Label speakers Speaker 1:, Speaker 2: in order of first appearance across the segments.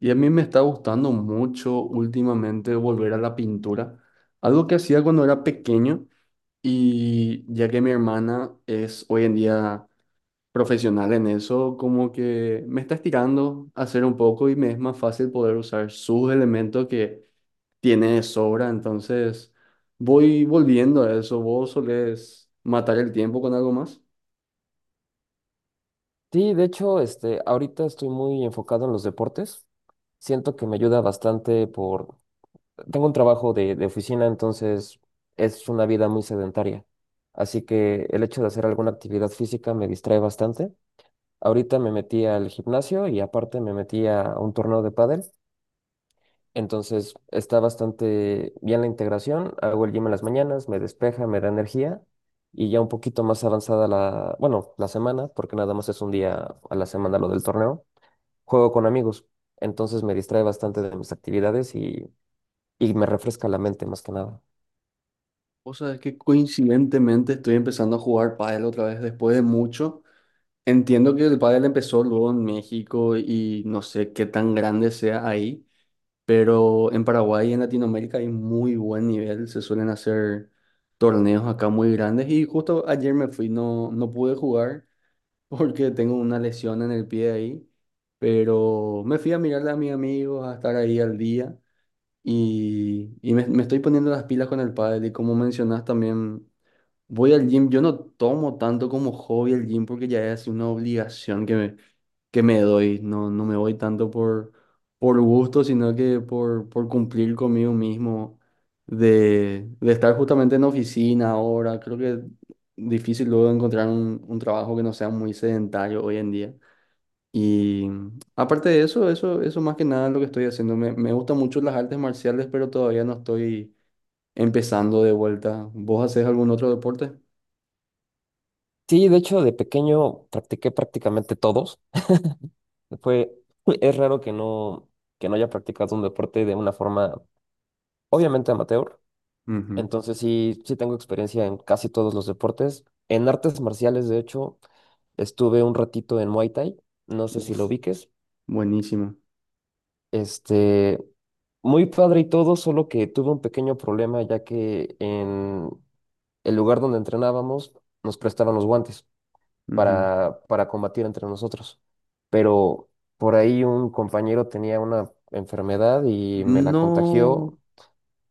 Speaker 1: Y a mí me está gustando mucho últimamente volver a la pintura, algo que hacía cuando era pequeño y ya que mi hermana es hoy en día profesional en eso, como que me está estirando a hacer un poco y me es más fácil poder usar sus elementos que tiene de sobra, entonces voy volviendo a eso. ¿Vos solés matar el tiempo con algo más?
Speaker 2: Sí, de hecho, ahorita estoy muy enfocado en los deportes. Siento que me ayuda bastante por. Tengo un trabajo de oficina, entonces es una vida muy sedentaria. Así que el hecho de hacer alguna actividad física me distrae bastante. Ahorita me metí al gimnasio y aparte me metí a un torneo de pádel. Entonces está bastante bien la integración. Hago el gym en las mañanas, me despeja, me da energía y ya un poquito más avanzada la, bueno, la semana, porque nada más es un día a la semana lo del torneo juego con amigos, entonces me distrae bastante de mis actividades y me refresca la mente más que nada.
Speaker 1: O sea, es que coincidentemente estoy empezando a jugar pádel otra vez después de mucho. Entiendo que el pádel empezó luego en México y no sé qué tan grande sea ahí, pero en Paraguay y en Latinoamérica hay muy buen nivel, se suelen hacer torneos acá muy grandes y justo ayer me fui, no, no pude jugar porque tengo una lesión en el pie ahí, pero me fui a mirarle a mis amigos, a estar ahí al día y me estoy poniendo las pilas con el pádel y como mencionas también... Voy al gym, yo no tomo tanto como hobby el gym porque ya es una obligación que me doy. No, no me voy tanto por gusto, sino que por cumplir conmigo mismo, de estar justamente en oficina ahora. Creo que es difícil luego encontrar un trabajo que no sea muy sedentario hoy en día. Y aparte de eso, eso más que nada es lo que estoy haciendo. Me gustan mucho las artes marciales, pero todavía no estoy empezando de vuelta. ¿Vos hacés algún otro deporte?
Speaker 2: Sí, de hecho, de pequeño practiqué prácticamente todos. Fue, es raro que no haya practicado un deporte de una forma obviamente amateur.
Speaker 1: Ujú.
Speaker 2: Entonces sí, sí tengo experiencia en casi todos los deportes. En artes marciales, de hecho, estuve un ratito en Muay Thai. No sé si lo
Speaker 1: Uf,
Speaker 2: ubiques.
Speaker 1: buenísimo.
Speaker 2: Este, muy padre y todo, solo que tuve un pequeño problema ya que en el lugar donde entrenábamos nos prestaban los guantes
Speaker 1: Ujú.
Speaker 2: para combatir entre nosotros. Pero por ahí un compañero tenía una enfermedad y me la
Speaker 1: No.
Speaker 2: contagió.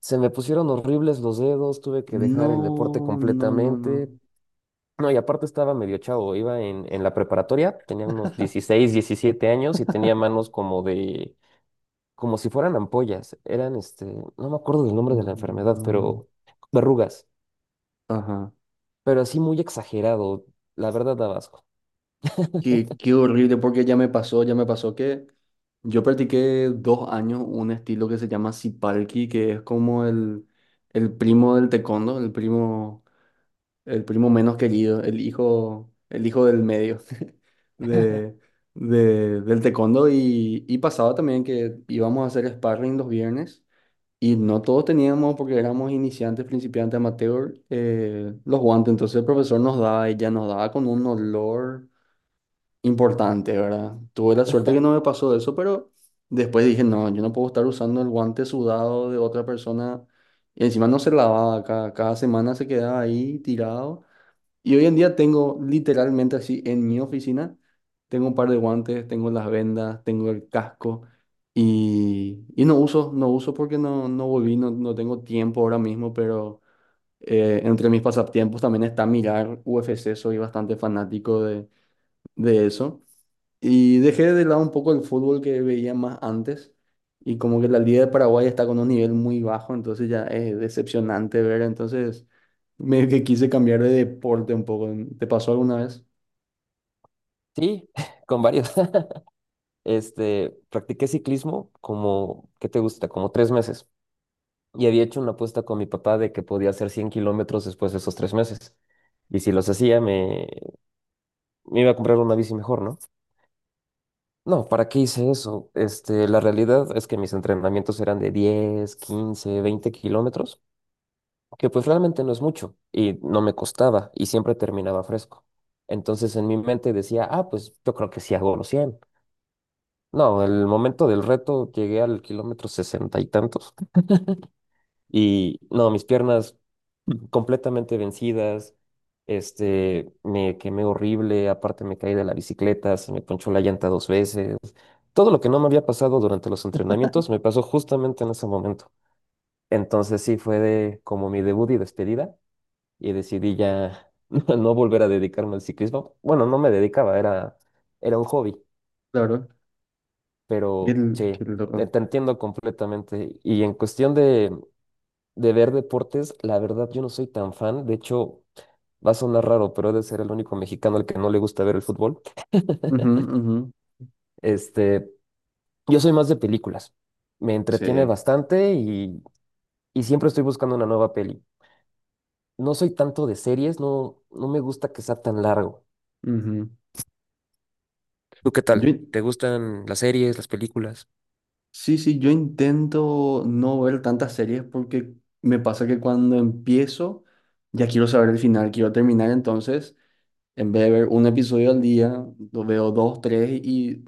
Speaker 2: Se me pusieron horribles los dedos, tuve que
Speaker 1: No,
Speaker 2: dejar el deporte
Speaker 1: no, no, no.
Speaker 2: completamente. No, y aparte estaba medio chavo, iba en la preparatoria, tenía unos 16, 17 años y tenía manos como si fueran ampollas. No me acuerdo del nombre de la enfermedad,
Speaker 1: No.
Speaker 2: pero verrugas.
Speaker 1: Ajá.
Speaker 2: Pero así muy exagerado, la verdad da asco.
Speaker 1: Qué, qué horrible, porque ya me pasó que yo practiqué dos años un estilo que se llama Sipalki, que es como el primo del taekwondo, el primo menos querido, el hijo del medio de, del taekwondo. Y pasaba también que íbamos a hacer sparring los viernes. Y no todos teníamos, porque éramos iniciantes, principiantes, amateur, los guantes. Entonces el profesor nos daba, ella nos daba con un olor importante, ¿verdad? Tuve la suerte que no me pasó eso, pero después dije, no, yo no puedo estar usando el guante sudado de otra persona. Y encima no se lavaba, cada semana se quedaba ahí tirado. Y hoy en día tengo literalmente así en mi oficina, tengo un par de guantes, tengo las vendas, tengo el casco y no uso, no uso porque no, no volví, no, no tengo tiempo ahora mismo, pero entre mis pasatiempos también está mirar UFC, soy bastante fanático de eso. Y dejé de lado un poco el fútbol que veía más antes. Y como que la Liga de Paraguay está con un nivel muy bajo, entonces ya es decepcionante ver. Entonces, medio que quise cambiar de deporte un poco, ¿no? ¿Te pasó alguna vez?
Speaker 2: Sí, con varios. Practiqué ciclismo como, ¿qué te gusta? Como 3 meses. Y había hecho una apuesta con mi papá de que podía hacer 100 kilómetros después de esos 3 meses. Y si los hacía, me iba a comprar una bici mejor, ¿no? No, ¿para qué hice eso? La realidad es que mis entrenamientos eran de 10 15 20 kilómetros. Que pues realmente no es mucho y no me costaba y siempre terminaba fresco. Entonces en mi mente decía, ah, pues yo creo que sí hago los 100. No, el momento del reto llegué al kilómetro sesenta y tantos y no, mis piernas completamente vencidas, me quemé horrible, aparte me caí de la bicicleta, se me ponchó la llanta dos veces. Todo lo que no me había pasado durante los entrenamientos me pasó justamente en ese momento. Entonces sí fue de como mi debut y despedida y decidí ya no volver a dedicarme al ciclismo. Bueno, no me dedicaba, era un hobby,
Speaker 1: Claro. Y
Speaker 2: pero
Speaker 1: el,
Speaker 2: sí,
Speaker 1: qué loco.
Speaker 2: te entiendo completamente. Y en cuestión de ver deportes, la verdad yo no soy tan fan. De hecho, va a sonar raro, pero he de ser el único mexicano al que no le gusta ver el fútbol.
Speaker 1: Ujú, ujú.
Speaker 2: Este, yo soy más de películas. Me entretiene
Speaker 1: Sí.
Speaker 2: bastante y siempre estoy buscando una nueva peli. No soy tanto de series, no, no me gusta que sea tan largo.
Speaker 1: Ujú.
Speaker 2: ¿Tú qué
Speaker 1: Yo,
Speaker 2: tal?
Speaker 1: in-
Speaker 2: ¿Te gustan las series, las películas?
Speaker 1: sí, sí, yo intento no ver tantas series porque me pasa que cuando empiezo ya quiero saber el final, quiero terminar, entonces en vez de ver un episodio al día, lo veo dos, tres y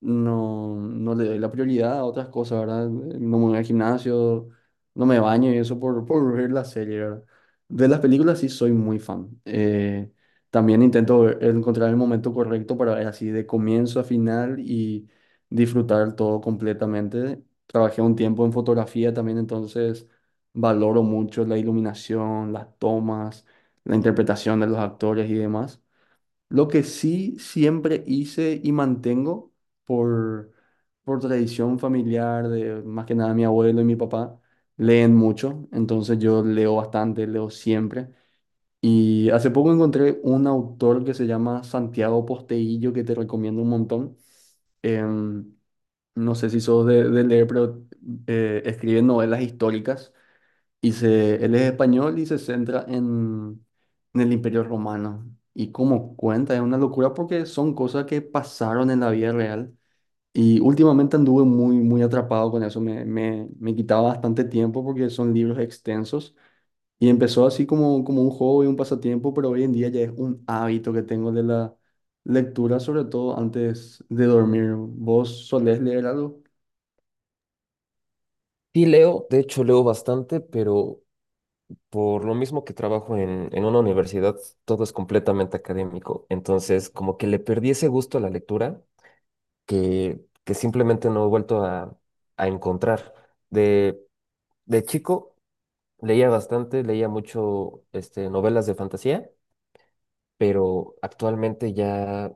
Speaker 1: no, no le doy la prioridad a otras cosas, ¿verdad? No me voy al gimnasio, no me baño y eso por ver la serie, ¿verdad? De las películas sí soy muy fan. También intento encontrar el momento correcto para ver así de comienzo a final y disfrutar todo completamente. Trabajé un tiempo en fotografía también, entonces valoro mucho la iluminación, las tomas, la interpretación de los actores y demás. Lo que sí siempre hice y mantengo por, por tradición familiar de más que nada mi abuelo y mi papá, leen mucho, entonces yo leo bastante, leo siempre. Y hace poco encontré un autor que se llama Santiago Posteillo, que te recomiendo un montón. Em, no sé si sos de leer, pero escribe novelas históricas. Y se, él es español y se centra en el Imperio Romano. Y como cuenta, es una locura porque son cosas que pasaron en la vida real. Y últimamente anduve muy, muy atrapado con eso. Me quitaba bastante tiempo porque son libros extensos. Y empezó así como, como un hobby, un pasatiempo, pero hoy en día ya es un hábito que tengo de la lectura, sobre todo antes de dormir. ¿Vos solés leer algo?
Speaker 2: Sí, leo, de hecho leo bastante, pero por lo mismo que trabajo en una universidad, todo es completamente académico. Entonces, como que le perdí ese gusto a la lectura que simplemente no he vuelto a encontrar. De, de chico leía bastante, leía mucho novelas de fantasía, pero actualmente ya,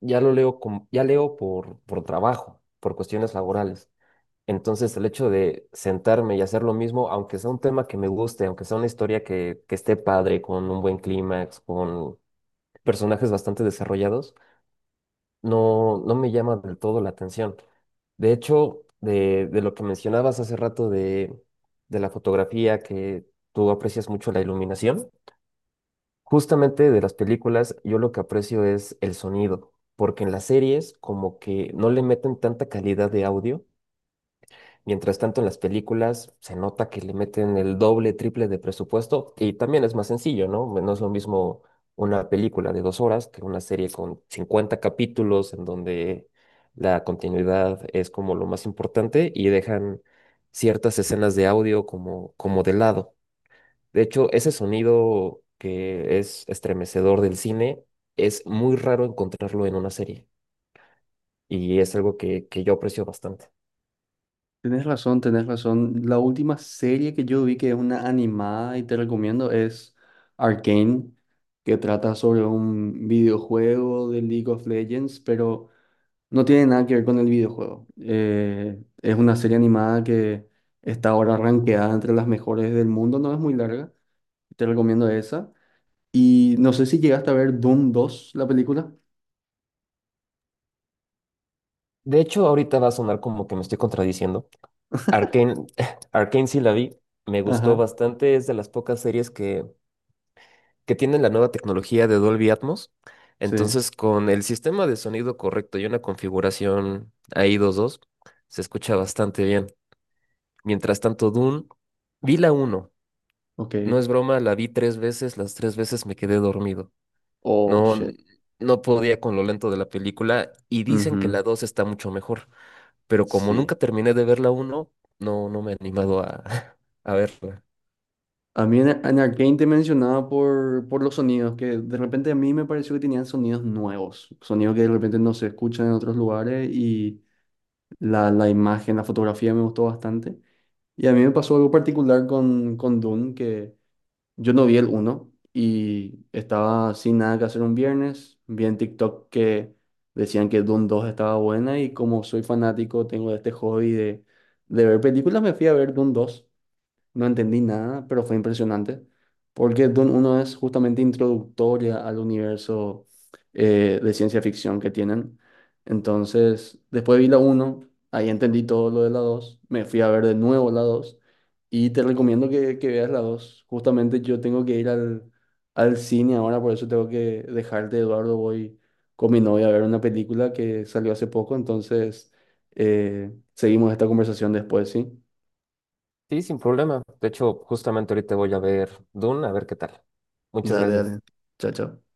Speaker 2: ya lo leo como, ya leo por trabajo, por cuestiones laborales. Entonces, el hecho de sentarme y hacer lo mismo, aunque sea un tema que me guste, aunque sea una historia que esté padre, con un buen clímax, con personajes bastante desarrollados, no, no me llama del todo la atención. De hecho, de lo que mencionabas hace rato de la fotografía, que tú aprecias mucho la iluminación, justamente de las películas, yo lo que aprecio es el sonido, porque en las series como que no le meten tanta calidad de audio. Mientras tanto, en las películas se nota que le meten el doble, triple de presupuesto y también es más sencillo, ¿no? Bueno, no es lo mismo una película de 2 horas que una serie con 50 capítulos en donde la continuidad es como lo más importante y dejan ciertas escenas de audio como, como de lado. De hecho, ese sonido que es estremecedor del cine es muy raro encontrarlo en una serie y es algo que yo aprecio bastante.
Speaker 1: Tenés razón, tenés razón. La última serie que yo vi que es una animada y te recomiendo es Arcane, que trata sobre un videojuego de League of Legends, pero no tiene nada que ver con el videojuego. Es una serie animada que está ahora rankeada entre las mejores del mundo, no es muy larga. Te recomiendo esa. Y no sé si llegaste a ver Doom dos, la película.
Speaker 2: De hecho, ahorita va a sonar como que me estoy contradiciendo, Arcane, Arcane sí la vi, me gustó
Speaker 1: Ajá,
Speaker 2: bastante, es de las pocas series que tienen la nueva tecnología de Dolby Atmos.
Speaker 1: sí,
Speaker 2: Entonces, con el sistema de sonido correcto y una configuración ahí dos dos, se escucha bastante bien. Mientras tanto, Dune, vi la uno.
Speaker 1: ok.
Speaker 2: No es broma, la vi tres veces, las tres veces me quedé dormido.
Speaker 1: Oh,
Speaker 2: No,
Speaker 1: shit.
Speaker 2: no podía con lo lento de la película y dicen que
Speaker 1: Ujú,
Speaker 2: la 2 está mucho mejor, pero como
Speaker 1: sí.
Speaker 2: nunca terminé de ver la uno, no, no me he animado a, a verla.
Speaker 1: A mí en Arcane te mencionaba por los sonidos, que de repente a mí me pareció que tenían sonidos nuevos, sonidos que de repente no se escuchan en otros lugares y la imagen, la fotografía me gustó bastante. Y a mí me pasó algo particular con Dune, que yo no vi el uno y estaba sin nada que hacer un viernes, vi en TikTok que decían que Dune dos estaba buena y como soy fanático, tengo este hobby de ver películas, me fui a ver Dune dos, no entendí nada, pero fue impresionante, porque Dune uno es justamente introductoria al universo de ciencia ficción que tienen. Entonces, después vi la uno, ahí entendí todo lo de la dos, me fui a ver de nuevo la 2 y te recomiendo que veas la dos. Justamente yo tengo que ir al, al cine ahora, por eso tengo que dejarte, Eduardo, voy con mi novia a ver una película que salió hace poco, entonces seguimos esta conversación después, ¿sí?
Speaker 2: Sí, sin problema. De hecho, justamente ahorita voy a ver Dune, a ver qué tal. Muchas
Speaker 1: Dale, dale.
Speaker 2: gracias.
Speaker 1: Chao, chao.